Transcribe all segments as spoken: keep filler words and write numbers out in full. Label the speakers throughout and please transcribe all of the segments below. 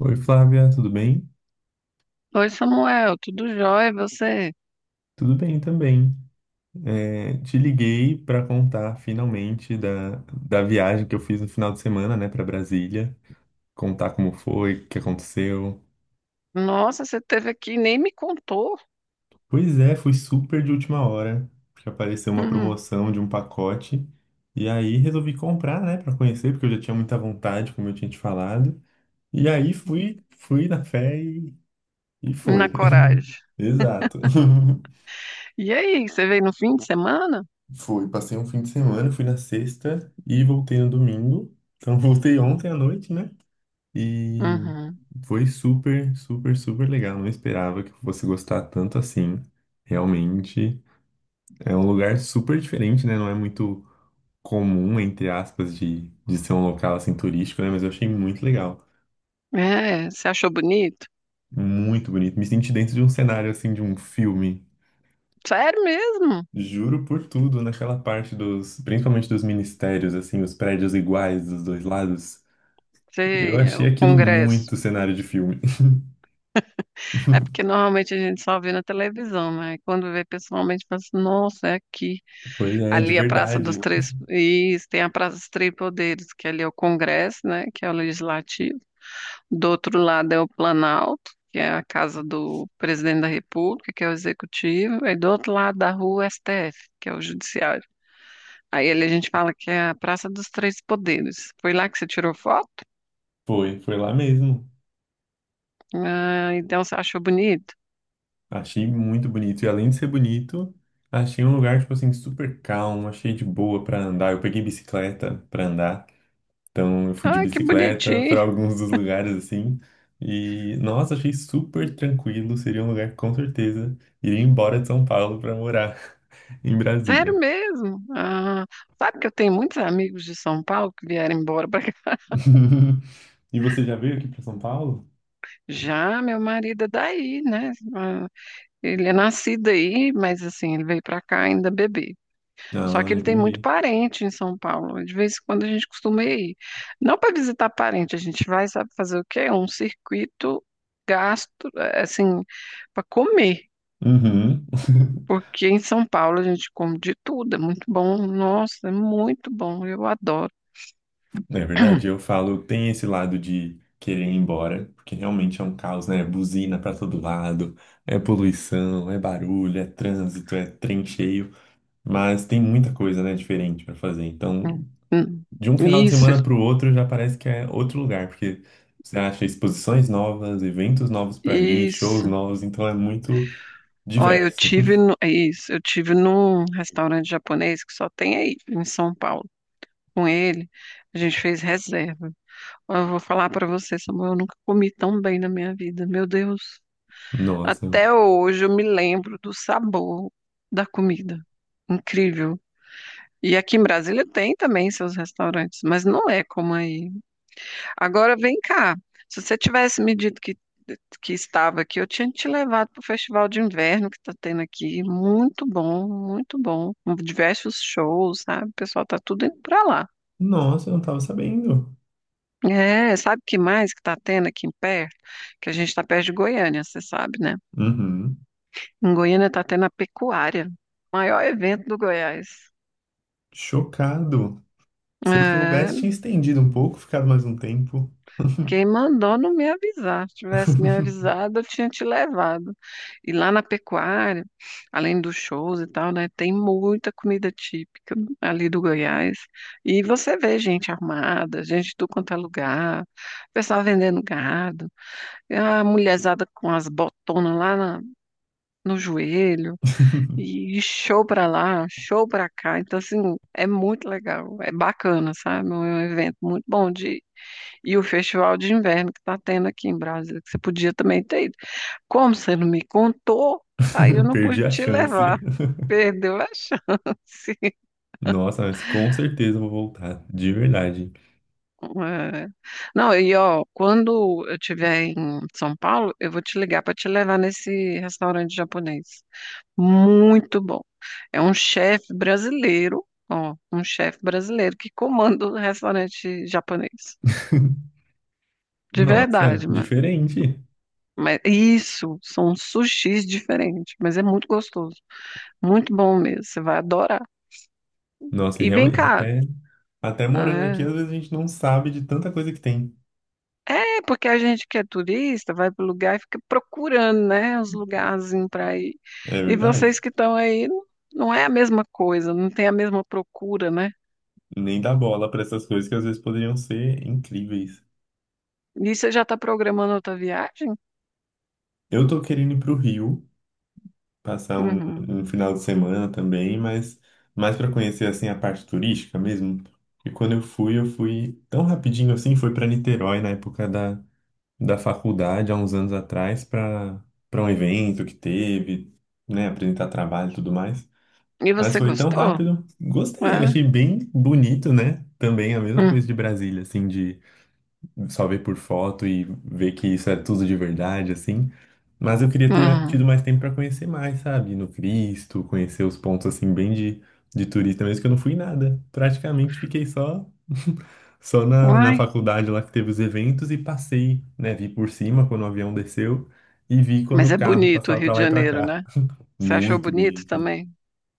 Speaker 1: Oi, Flávia, tudo bem?
Speaker 2: Oi, Samuel, tudo jóia? E você?
Speaker 1: Tudo bem também. É, te liguei para contar finalmente da, da viagem que eu fiz no final de semana, né, para Brasília. Contar como foi, o que aconteceu.
Speaker 2: Nossa, você teve aqui e nem me contou.
Speaker 1: Pois é, fui super de última hora, porque apareceu uma
Speaker 2: Uhum.
Speaker 1: promoção de um pacote. E aí resolvi comprar, né, para conhecer, porque eu já tinha muita vontade, como eu tinha te falado. E aí fui, fui na fé e, e
Speaker 2: Na
Speaker 1: foi.
Speaker 2: coragem.
Speaker 1: Exato.
Speaker 2: E aí, você veio no fim de semana?
Speaker 1: Foi, passei um fim de semana, fui na sexta e voltei no domingo. Então voltei ontem à noite, né? E
Speaker 2: Uhum.
Speaker 1: foi super, super, super legal. Não esperava que eu fosse gostar tanto assim. Realmente é um lugar super diferente, né? Não é muito comum, entre aspas, de, de ser um local assim turístico, né? Mas eu achei muito legal,
Speaker 2: É, você achou bonito?
Speaker 1: muito bonito. Me senti dentro de um cenário assim de um filme.
Speaker 2: Sério mesmo?
Speaker 1: Juro por tudo, naquela parte dos, principalmente dos ministérios, assim, os prédios iguais dos dois lados.
Speaker 2: Sei,
Speaker 1: Eu
Speaker 2: é
Speaker 1: achei
Speaker 2: o
Speaker 1: aquilo
Speaker 2: congresso.
Speaker 1: muito cenário de filme.
Speaker 2: É porque normalmente a gente só vê na televisão, né? E quando vê pessoalmente, fala assim, nossa, é aqui.
Speaker 1: Pois é, de
Speaker 2: Ali é a Praça dos
Speaker 1: verdade.
Speaker 2: Três... Isso, tem a Praça dos Três Poderes, que ali é o congresso, né? Que é o legislativo. Do outro lado é o Planalto, que é a casa do presidente da República, que é o executivo, e do outro lado da rua, o S T F, que é o judiciário. Aí ali a gente fala que é a Praça dos Três Poderes. Foi lá que você tirou foto?
Speaker 1: Foi, foi lá mesmo.
Speaker 2: Ah, então você achou bonito?
Speaker 1: Achei muito bonito. E além de ser bonito, achei um lugar, tipo assim, super calmo, achei de boa pra andar. Eu peguei bicicleta pra andar. Então eu fui de
Speaker 2: Ah, que
Speaker 1: bicicleta
Speaker 2: bonitinho.
Speaker 1: pra alguns dos lugares assim. E, nossa, achei super tranquilo. Seria um lugar que com certeza iria embora de São Paulo pra morar em
Speaker 2: Sério
Speaker 1: Brasília.
Speaker 2: mesmo? Ah, sabe que eu tenho muitos amigos de São Paulo que vieram embora para cá.
Speaker 1: E você já veio aqui pra São Paulo?
Speaker 2: Já meu marido é daí, né? Ah, ele é nascido aí, mas assim, ele veio para cá ainda bebê. Só
Speaker 1: Ah,
Speaker 2: que ele tem muito
Speaker 1: entendi.
Speaker 2: parente em São Paulo. De vez em quando a gente costuma ir. Não para visitar parente, a gente vai, sabe, fazer o quê? Um circuito gasto, eh, assim, para comer.
Speaker 1: Uhum.
Speaker 2: Porque em São Paulo a gente come de tudo. É muito bom. Nossa, é muito bom. Eu adoro.
Speaker 1: Não é verdade? Eu falo, tem esse lado de querer ir embora, porque realmente é um caos, né? Buzina pra todo lado, é poluição, é barulho, é trânsito, é trem cheio, mas tem muita coisa, né, diferente pra fazer. Então,
Speaker 2: Hum, hum.
Speaker 1: de um final de
Speaker 2: Isso,
Speaker 1: semana pro outro já parece que é outro lugar, porque você acha exposições novas, eventos novos pra ir, shows
Speaker 2: isso.
Speaker 1: novos, então é muito
Speaker 2: Olha, eu
Speaker 1: diverso.
Speaker 2: tive no, é isso, eu tive num restaurante japonês que só tem aí em São Paulo. Com ele, a gente fez reserva. Eu vou falar pra você, Samuel, eu nunca comi tão bem na minha vida, meu Deus.
Speaker 1: Nossa,
Speaker 2: Até hoje eu me lembro do sabor da comida. Incrível. E aqui em Brasília tem também seus restaurantes, mas não é como aí. Agora vem cá. Se você tivesse me dito que, que estava aqui, eu tinha te levado para o festival de inverno que está tendo aqui. Muito bom, muito bom. Com diversos shows, sabe? O pessoal tá tudo indo para lá.
Speaker 1: nossa, eu não tava sabendo.
Speaker 2: É, sabe o que mais que está tendo aqui em perto? Que a gente está perto de Goiânia, você sabe, né?
Speaker 1: Uhum.
Speaker 2: Em Goiânia está tendo a pecuária, maior evento do Goiás.
Speaker 1: Chocado. Se eu
Speaker 2: É,
Speaker 1: soubesse, tinha estendido um pouco, ficado mais um tempo.
Speaker 2: quem mandou não me avisar. Se tivesse me avisado, eu tinha te levado. E lá na pecuária, além dos shows e tal, né, tem muita comida típica ali do Goiás. E você vê gente armada, gente de tudo quanto é lugar, pessoal vendendo gado, e a mulherzada com as botonas lá na, no joelho, e show pra lá, show pra cá. Então, assim, é muito legal, é bacana, sabe? É um evento muito bom de ir. E o festival de inverno que tá tendo aqui em Brasília, que você podia também ter ido. Como você não me contou, aí eu não pude
Speaker 1: Perdi a
Speaker 2: te
Speaker 1: chance.
Speaker 2: levar. Perdeu a chance.
Speaker 1: Nossa, mas com certeza eu vou voltar, de verdade.
Speaker 2: É. Não, e ó, quando eu estiver em São Paulo, eu vou te ligar para te levar nesse restaurante japonês. Muito bom. É um chefe brasileiro, ó, um chefe brasileiro que comanda o restaurante japonês. De
Speaker 1: Nossa,
Speaker 2: verdade, mano.
Speaker 1: diferente.
Speaker 2: Mas isso, são sushis diferentes, mas é muito gostoso. Muito bom mesmo, você vai adorar.
Speaker 1: Nossa, e
Speaker 2: E vem
Speaker 1: realmente,
Speaker 2: cá.
Speaker 1: até, até morando aqui,
Speaker 2: É,
Speaker 1: às vezes a gente não sabe de tanta coisa que tem.
Speaker 2: é porque a gente que é turista vai pro lugar e fica procurando, né, os lugarzinhos para ir.
Speaker 1: É
Speaker 2: E
Speaker 1: verdade.
Speaker 2: vocês que estão aí, não não é a mesma coisa, não tem a mesma procura, né?
Speaker 1: Nem dá bola para essas coisas que às vezes poderiam ser incríveis.
Speaker 2: E você já está programando outra viagem?
Speaker 1: Eu tô querendo ir pro Rio. Passar um,
Speaker 2: Uhum.
Speaker 1: um final de semana também, mas mais para conhecer assim a parte turística mesmo. E quando eu fui, eu fui tão rapidinho assim, foi para Niterói na época da, da faculdade, há uns anos atrás, para para um evento que teve, né, apresentar trabalho e tudo mais.
Speaker 2: E
Speaker 1: Mas
Speaker 2: você
Speaker 1: foi tão
Speaker 2: gostou?
Speaker 1: rápido, gostei,
Speaker 2: É?
Speaker 1: achei bem bonito, né? Também a mesma coisa
Speaker 2: Hum,
Speaker 1: de Brasília, assim, de só ver por foto e ver que isso é tudo de verdade, assim. Mas eu queria ter tido
Speaker 2: hum.
Speaker 1: mais tempo para conhecer mais, sabe? No Cristo, conhecer os pontos assim bem de, de turista mesmo, que eu não fui nada. Praticamente fiquei só só na, na
Speaker 2: Uai,
Speaker 1: faculdade lá que teve os eventos e passei, né? Vi por cima quando o avião desceu e vi quando
Speaker 2: mas
Speaker 1: o
Speaker 2: é
Speaker 1: carro
Speaker 2: bonito o
Speaker 1: passava
Speaker 2: Rio
Speaker 1: para
Speaker 2: de
Speaker 1: lá e para
Speaker 2: Janeiro,
Speaker 1: cá.
Speaker 2: né? Você achou
Speaker 1: Muito
Speaker 2: bonito
Speaker 1: bonito,
Speaker 2: também?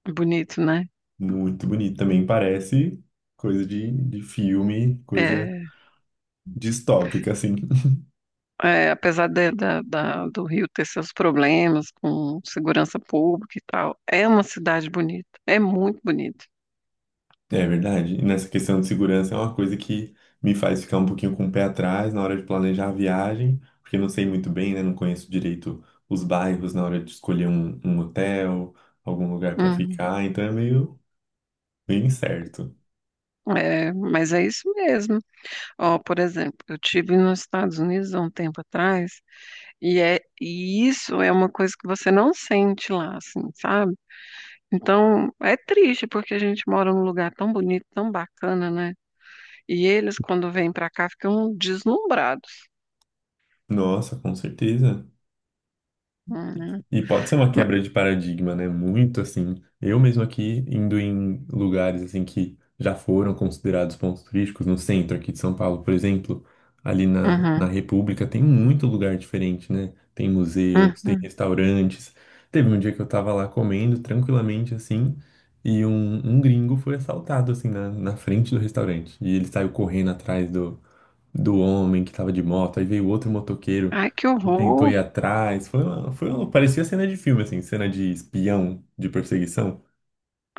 Speaker 2: Bonito, né?
Speaker 1: muito bonito. Também parece coisa de, de filme, coisa
Speaker 2: É,
Speaker 1: distópica, assim.
Speaker 2: é, apesar de- da, da- do Rio ter seus problemas com segurança pública e tal, é uma cidade bonita, é muito bonita.
Speaker 1: É verdade. E nessa questão de segurança é uma coisa que me faz ficar um pouquinho com o pé atrás na hora de planejar a viagem, porque não sei muito bem, né? Não conheço direito os bairros na hora de escolher um, um hotel, algum lugar para
Speaker 2: Uhum.
Speaker 1: ficar, então é meio, meio incerto.
Speaker 2: É, mas é isso mesmo. Ó, por exemplo, eu tive nos Estados Unidos há um tempo atrás e é e isso é uma coisa que você não sente lá, assim, sabe? Então, é triste porque a gente mora num lugar tão bonito, tão bacana, né? E eles, quando vêm pra cá, ficam deslumbrados.
Speaker 1: Nossa, com certeza.
Speaker 2: Uhum.
Speaker 1: E pode ser uma
Speaker 2: Ma-
Speaker 1: quebra de paradigma, né? Muito assim. Eu mesmo aqui indo em lugares assim que já foram considerados pontos turísticos no centro aqui de São Paulo, por exemplo, ali na, na
Speaker 2: uhum,
Speaker 1: República tem muito lugar diferente, né? Tem museus, tem
Speaker 2: uhum.
Speaker 1: restaurantes. Teve um dia que eu tava lá comendo tranquilamente assim e um, um gringo foi assaltado assim na, na frente do restaurante e ele saiu correndo atrás do do homem que tava de moto, aí veio outro motoqueiro
Speaker 2: Ai, que
Speaker 1: e tentou
Speaker 2: horror!
Speaker 1: ir atrás. Foi uma, foi uma, parecia cena de filme, assim, cena de espião, de perseguição.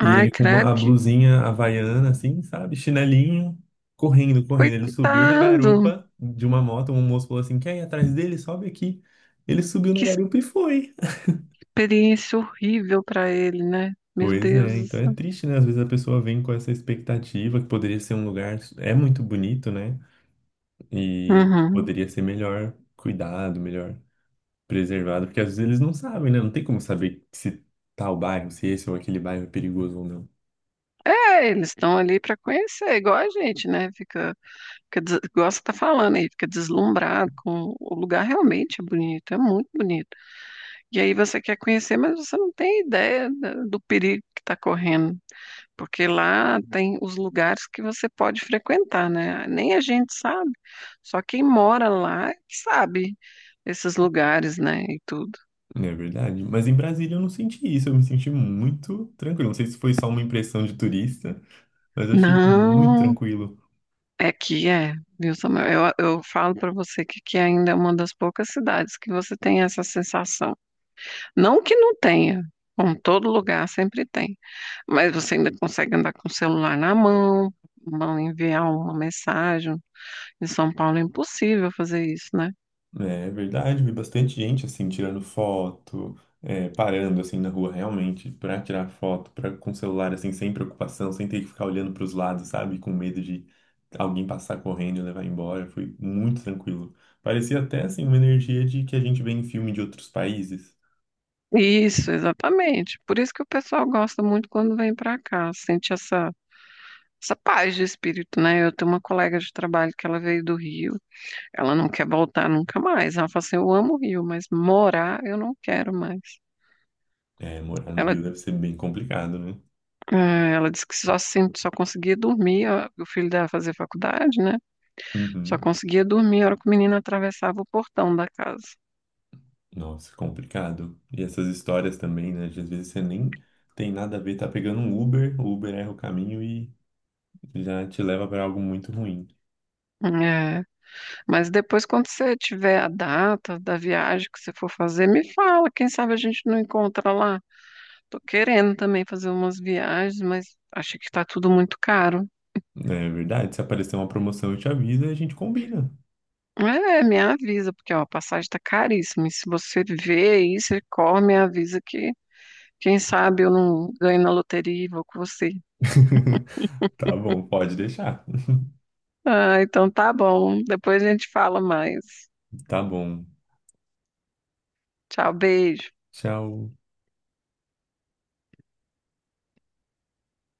Speaker 1: E ele com uma,
Speaker 2: credo,
Speaker 1: a
Speaker 2: que
Speaker 1: blusinha havaiana, assim, sabe, chinelinho, correndo, correndo. Ele subiu na
Speaker 2: coitado!
Speaker 1: garupa de uma moto, um moço falou assim, quer ir atrás dele? Sobe aqui. Ele subiu na
Speaker 2: Que
Speaker 1: garupa e foi.
Speaker 2: experiência horrível pra ele, né? Meu
Speaker 1: Pois
Speaker 2: Deus
Speaker 1: é,
Speaker 2: do
Speaker 1: então é
Speaker 2: céu.
Speaker 1: triste, né? Às vezes a pessoa vem com essa expectativa que poderia ser um lugar, é muito bonito, né? E
Speaker 2: Uhum.
Speaker 1: poderia ser melhor cuidado, melhor preservado, porque às vezes eles não sabem, né? Não tem como saber se tal bairro, se esse é ou aquele bairro é perigoso ou não.
Speaker 2: É, eles estão ali pra conhecer, igual a gente, né? Fica, fica des- igual você tá falando aí, fica deslumbrado com o lugar realmente é bonito, é muito bonito. E aí você quer conhecer, mas você não tem ideia da- do perigo que está correndo, porque lá tem os lugares que você pode frequentar, né? Nem a gente sabe, só quem mora lá é que sabe esses lugares, né? E tudo.
Speaker 1: Não é verdade? Mas em Brasília eu não senti isso, eu me senti muito tranquilo. Não sei se foi só uma impressão de turista, mas eu achei muito
Speaker 2: Não,
Speaker 1: tranquilo.
Speaker 2: é que é, viu, Samuel? Eu, eu falo para você que aqui ainda é uma das poucas cidades que você tem essa sensação. Não que não tenha, como todo lugar sempre tem. Mas você ainda consegue andar com o celular na mão, mão enviar uma mensagem. Em São Paulo é impossível fazer isso, né?
Speaker 1: É verdade, vi bastante gente assim tirando foto, é, parando assim na rua realmente para tirar foto, para com o celular assim sem preocupação, sem ter que ficar olhando para os lados, sabe, com medo de alguém passar correndo e levar embora. Foi muito tranquilo. Parecia até assim uma energia de que a gente vê em filme de outros países.
Speaker 2: Isso, exatamente. Por isso que o pessoal gosta muito quando vem para cá, sente essa essa paz de espírito, né? Eu tenho uma colega de trabalho que ela veio do Rio, ela não quer voltar nunca mais. Ela fala assim: eu amo o Rio, mas morar eu não quero mais.
Speaker 1: É, morar no
Speaker 2: Ela,
Speaker 1: Rio deve ser bem complicado, né?
Speaker 2: eh, ela disse que só, assim, só conseguia dormir, ó, o filho dela fazer faculdade, né? Só
Speaker 1: Uhum.
Speaker 2: conseguia dormir a hora que o menino atravessava o portão da casa.
Speaker 1: Nossa, complicado. E essas histórias também, né? De às vezes você nem tem nada a ver, tá pegando um Uber, o Uber erra o caminho e já te leva para algo muito ruim.
Speaker 2: É, mas depois, quando você tiver a data da viagem que você for fazer, me fala. Quem sabe a gente não encontra lá. Tô querendo também fazer umas viagens, mas acho que tá tudo muito caro.
Speaker 1: É verdade, se aparecer uma promoção, eu te aviso e a gente combina.
Speaker 2: É, me avisa, porque ó, a passagem tá caríssima. E se você vê isso, você corre, me avisa que quem sabe eu não ganho na loteria e vou com você.
Speaker 1: Tá bom, pode deixar.
Speaker 2: Ah, então tá bom. Depois a gente fala mais.
Speaker 1: Tá bom.
Speaker 2: Tchau, beijo.
Speaker 1: Tchau.